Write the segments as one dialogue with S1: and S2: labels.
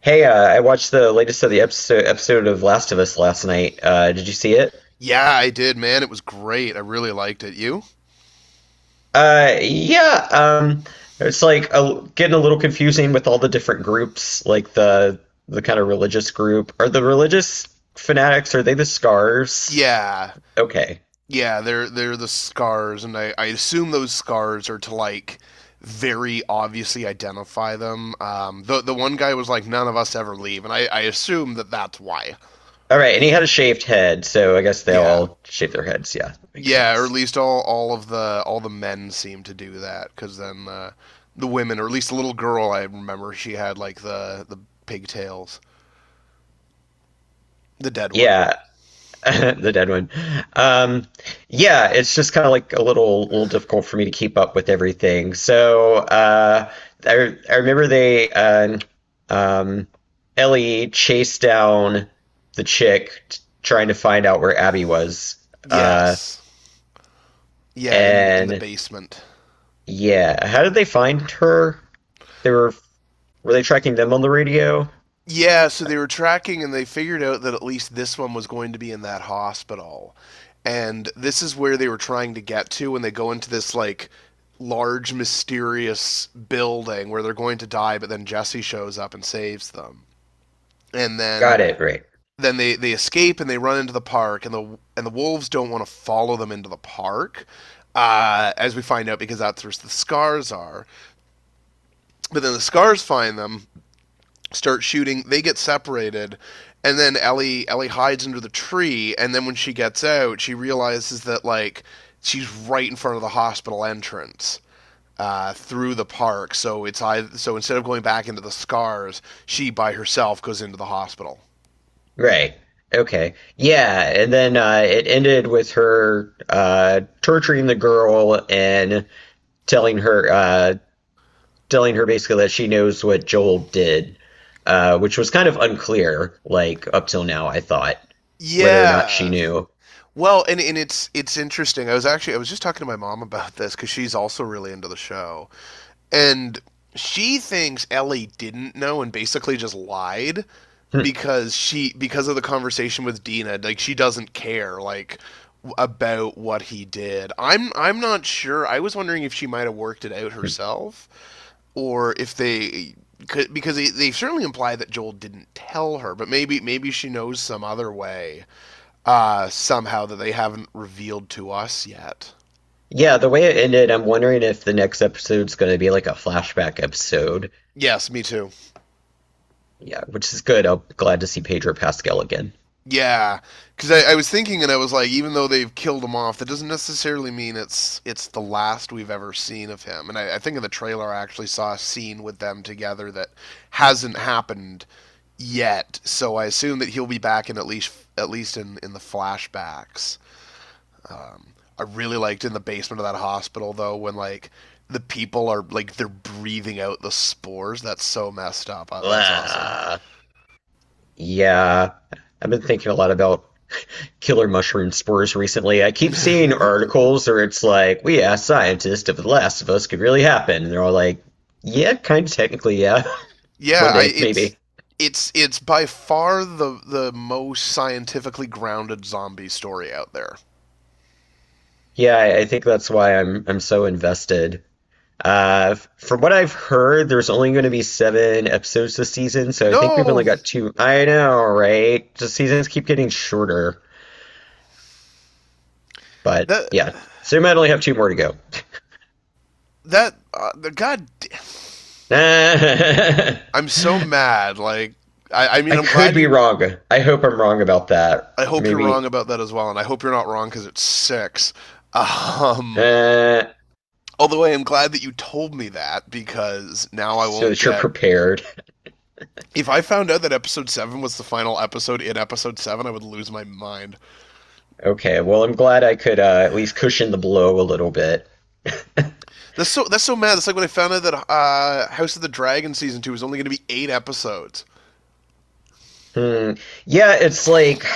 S1: Hey, I watched the latest of the episode of Last of Us last night. Did you see it?
S2: Yeah, I did, man. It was great. I really liked it. You?
S1: Yeah. It's like getting a little confusing with all the different groups, like the kind of religious group. Are the religious fanatics, are they the scars?
S2: Yeah.
S1: Okay.
S2: Yeah, they're the scars and I assume those scars are to like very obviously identify them. The one guy was like none of us ever leave and I assume that that's why.
S1: All right, and he had a shaved head, so I guess they
S2: Yeah.
S1: all shave their heads. Yeah, that makes
S2: Yeah, or at
S1: sense.
S2: least all of the all the men seem to do that cuz then the women or at least the little girl I remember she had like the pigtails, the dead one.
S1: Yeah, the dead one. Um, yeah, it's just kind of like a little difficult for me to keep up with everything. So I remember they um, Ellie chased down the chick trying to find out where Abby was. Uh,
S2: Yes. Yeah, in the
S1: and
S2: basement.
S1: yeah, how did they find her? They were they tracking them on the radio?
S2: Yeah, so they were tracking and they figured out that at least this one was going to be in that hospital. And this is where they were trying to get to when they go into this like large mysterious building where they're going to die but then Jesse shows up and saves them. And then
S1: Got it, right.
S2: then they escape and they run into the park and the wolves don't want to follow them into the park. As we find out, because that's where the scars are. But then the scars find them, start shooting. They get separated, and then Ellie hides under the tree. And then when she gets out, she realizes that like she's right in front of the hospital entrance through the park. So it's either, so instead of going back into the scars, she by herself goes into the hospital.
S1: Right. Okay. Yeah, and then it ended with her torturing the girl and telling her uh, telling her basically that she knows what Joel did, which was kind of unclear, like up till now, I thought, whether or not she
S2: Yeah.
S1: knew.
S2: Well, and it's interesting. I was just talking to my mom about this because she's also really into the show, and she thinks Ellie didn't know and basically just lied
S1: Hmm.
S2: because she because of the conversation with Dina, like she doesn't care like about what he did. I'm not sure. I was wondering if she might have worked it out herself or if they could because they certainly imply that Joel didn't tell her, but maybe she knows some other way somehow that they haven't revealed to us yet.
S1: Yeah, the way it ended, I'm wondering if the next episode's going to be like a flashback episode.
S2: Yes, me too.
S1: Yeah, which is good. I'm glad to see Pedro Pascal again.
S2: Yeah, because I was thinking, and I was like, even though they've killed him off, that doesn't necessarily mean it's the last we've ever seen of him. And I think in the trailer, I actually saw a scene with them together that hasn't happened yet. So I assume that he'll be back in at least in the flashbacks. Um, I really liked in the basement of that hospital though when like the people are like they're breathing out the spores. That's so messed up. That's awesome.
S1: Blah. Yeah, I've been thinking a lot about killer mushroom spores recently. I keep seeing articles where it's like, we asked scientists if The Last of Us could really happen. And they're all like, yeah, kind of technically, yeah.
S2: yeah,
S1: One
S2: I,
S1: day,
S2: it's
S1: maybe.
S2: it's by far the most scientifically grounded zombie story out there.
S1: Yeah, I think that's why I'm so invested. From what I've heard, there's only going to be seven episodes this season, so I think we've only
S2: No,
S1: got two. I know, right? The seasons keep getting shorter, but
S2: that
S1: yeah, so we might only have two more to go.
S2: that the god,
S1: I
S2: I'm so mad. Like, I mean,
S1: I
S2: I'm
S1: could
S2: glad
S1: be
S2: you.
S1: wrong. I hope I'm wrong about that.
S2: I hope you're wrong
S1: Maybe.
S2: about that as well, and I hope you're not wrong because it's six. Um,
S1: Uh,
S2: although I am glad that you told me that because now I
S1: so
S2: won't
S1: that you're
S2: get.
S1: prepared.
S2: If I found out that episode seven was the final episode in episode seven, I would lose my mind.
S1: Okay, well, I'm glad I could at least cushion the blow a little bit.
S2: That's so mad. That's like when I found out that House of the Dragon season two is only going to be eight episodes.
S1: Hmm. Yeah, it's like,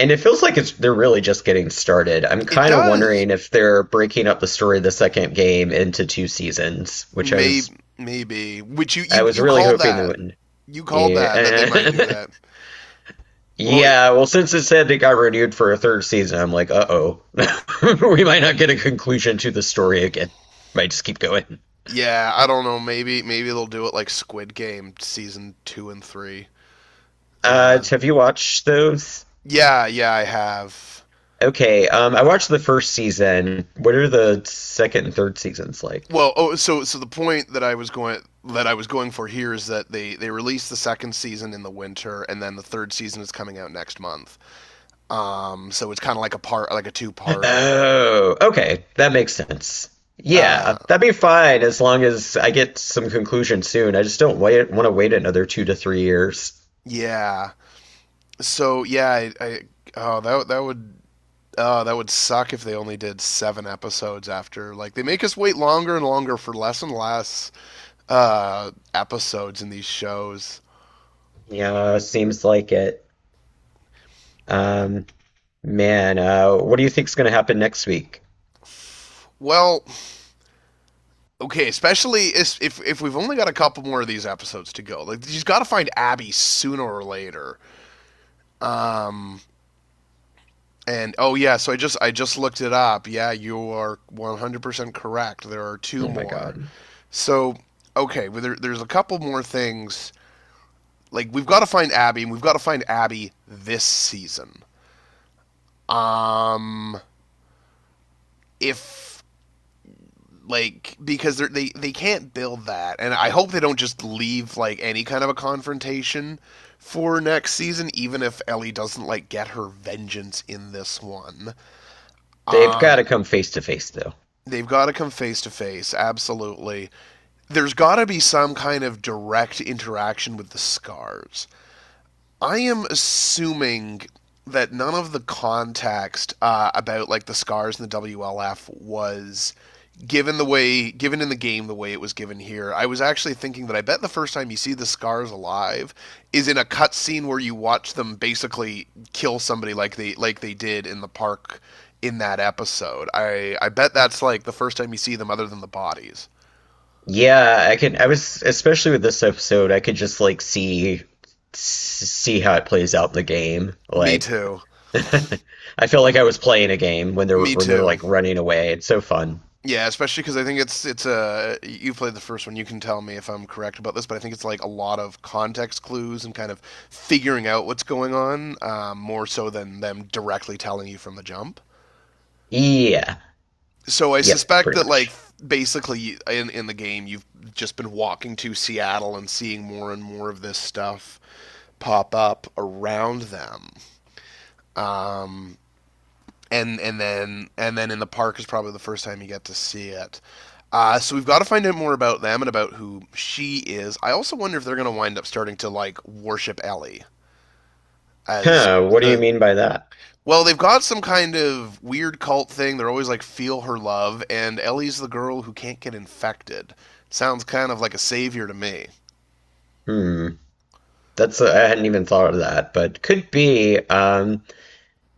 S1: and it feels like it's they're really just getting started. I'm
S2: It
S1: kind of
S2: does.
S1: wondering if they're breaking up the story of the second game into two seasons, which
S2: Maybe maybe which you
S1: I
S2: you
S1: was
S2: you
S1: really
S2: called
S1: hoping they
S2: that.
S1: wouldn't.
S2: You called that that they might do
S1: Yeah.
S2: that. Well, it-
S1: Yeah, well, since it said it got renewed for a third season, I'm like, uh-oh. We might not get a conclusion to the story again. Might just keep going.
S2: yeah, I don't know. Maybe they'll do it like Squid Game season two and three. Uh,
S1: Have you watched those?
S2: yeah, I have.
S1: Okay, I watched the first season. What are the second and third seasons like?
S2: Well, oh, so so the point that I was going for here is that they released the second season in the winter, and then the third season is coming out next month. So it's kind of like a part, like a two-parter.
S1: Oh, okay, that makes sense.
S2: Uh,
S1: Yeah, that'd be fine as long as I get some conclusion soon. I just don't wait, want to wait another two to three years.
S2: yeah. So yeah, I oh that would oh that would suck if they only did seven episodes after. Like they make us wait longer and longer for less and less episodes in these shows.
S1: Yeah, seems like it. Um, Man, what do you think's going to happen next week?
S2: Well, okay, especially if we've only got a couple more of these episodes to go. Like you've got to find Abby sooner or later. And oh yeah, so I just looked it up. Yeah, you are 100% correct. There are two
S1: Oh my
S2: more.
S1: God.
S2: So okay, well, there's a couple more things. Like we've got to find Abby, and we've got to find Abby this season. Um, if like because they can't build that, and I hope they don't just leave like any kind of a confrontation for next season, even if Ellie doesn't like get her vengeance in this one.
S1: They've got
S2: Um,
S1: to come face to face though.
S2: they've got to come face to face, absolutely. There's got to be some kind of direct interaction with the scars. I am assuming that none of the context about like the scars and the WLF was given the way given in the game the way it was given here. I was actually thinking that I bet the first time you see the scars alive is in a cutscene where you watch them basically kill somebody like they did in the park in that episode. I bet that's like the first time you see them other than the bodies.
S1: Yeah, I was especially with this episode, I could just like see how it plays out in the game.
S2: Me
S1: Like
S2: too.
S1: I feel like I was playing a game
S2: Me
S1: when they're
S2: too.
S1: like running away. It's so fun.
S2: Yeah, especially because I think it's a you played the first one. You can tell me if I'm correct about this, but I think it's like a lot of context clues and kind of figuring out what's going on, more so than them directly telling you from the jump.
S1: Yeah.
S2: So I
S1: Yep,
S2: suspect
S1: pretty
S2: that like
S1: much.
S2: basically in the game you've just been walking to Seattle and seeing more and more of this stuff pop up around them. Um, and then in the park is probably the first time you get to see it. So we've got to find out more about them and about who she is. I also wonder if they're going to wind up starting to like worship Ellie as
S1: Huh, what do you
S2: the
S1: mean by that?
S2: well, they've got some kind of weird cult thing. They're always like feel her love, and Ellie's the girl who can't get infected. Sounds kind of like a savior to me.
S1: Hmm. That's I hadn't even thought of that, but could be.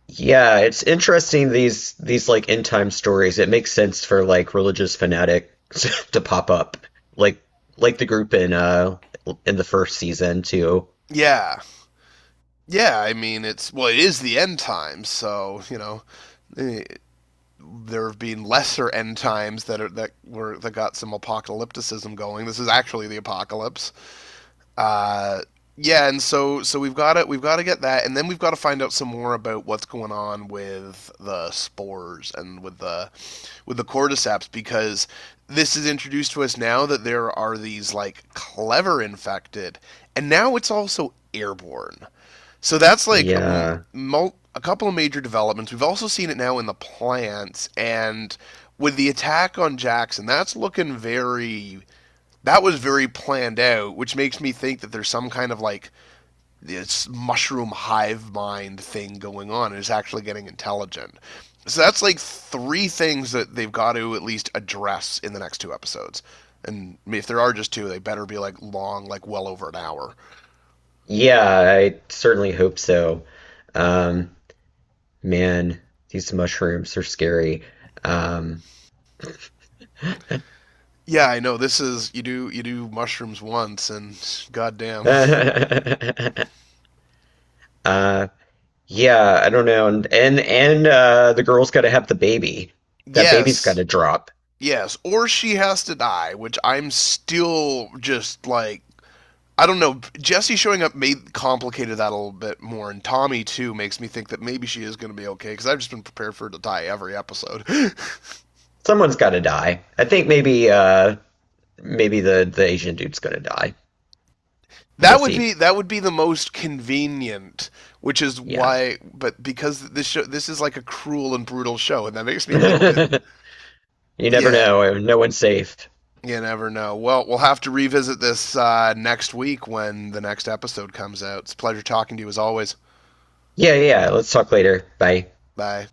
S1: Yeah, it's interesting these like end time stories. It makes sense for like religious fanatics to pop up. Like like the group in the first season too.
S2: Yeah. Yeah, I mean it's well it is the end times, so, you know, eh, there have been lesser end times that are that got some apocalypticism going. This is actually the apocalypse. Uh, yeah, and so we've got to get that, and then we've got to find out some more about what's going on with the spores and with the cordyceps because this is introduced to us now that there are these like clever infected, and now it's also airborne. So that's like
S1: Yeah.
S2: a couple of major developments. We've also seen it now in the plants and with the attack on Jackson. That's looking very that was very planned out, which makes me think that there's some kind of like this mushroom hive mind thing going on and it's actually getting intelligent. So that's like three things that they've got to at least address in the next two episodes. And if there are just two, they better be like long, like well over an hour.
S1: Yeah, I certainly hope so. Um man, these mushrooms are scary. Um
S2: Yeah, I know this is you do mushrooms once and goddamn.
S1: uh yeah, I don't know. And the girl's gotta have the baby. That baby's
S2: Yes.
S1: gotta drop.
S2: Yes, or she has to die, which I'm still just like I don't know. Jesse showing up made complicated that a little bit more, and Tommy too makes me think that maybe she is going to be okay because I've just been prepared for her to die every episode.
S1: Someone's gotta die. I think maybe the Asian dude's gonna die.
S2: that would be
S1: Jesse,
S2: the most convenient, which is
S1: yeah.
S2: why. But because this show this is like a cruel and brutal show, and that makes me think that
S1: You never
S2: yeah,
S1: know. No one's safe.
S2: you never know. Well, we'll have to revisit this next week when the next episode comes out. It's a pleasure talking to you as always.
S1: Yeah, yeah, yeah. Let's talk later. Bye.
S2: Bye.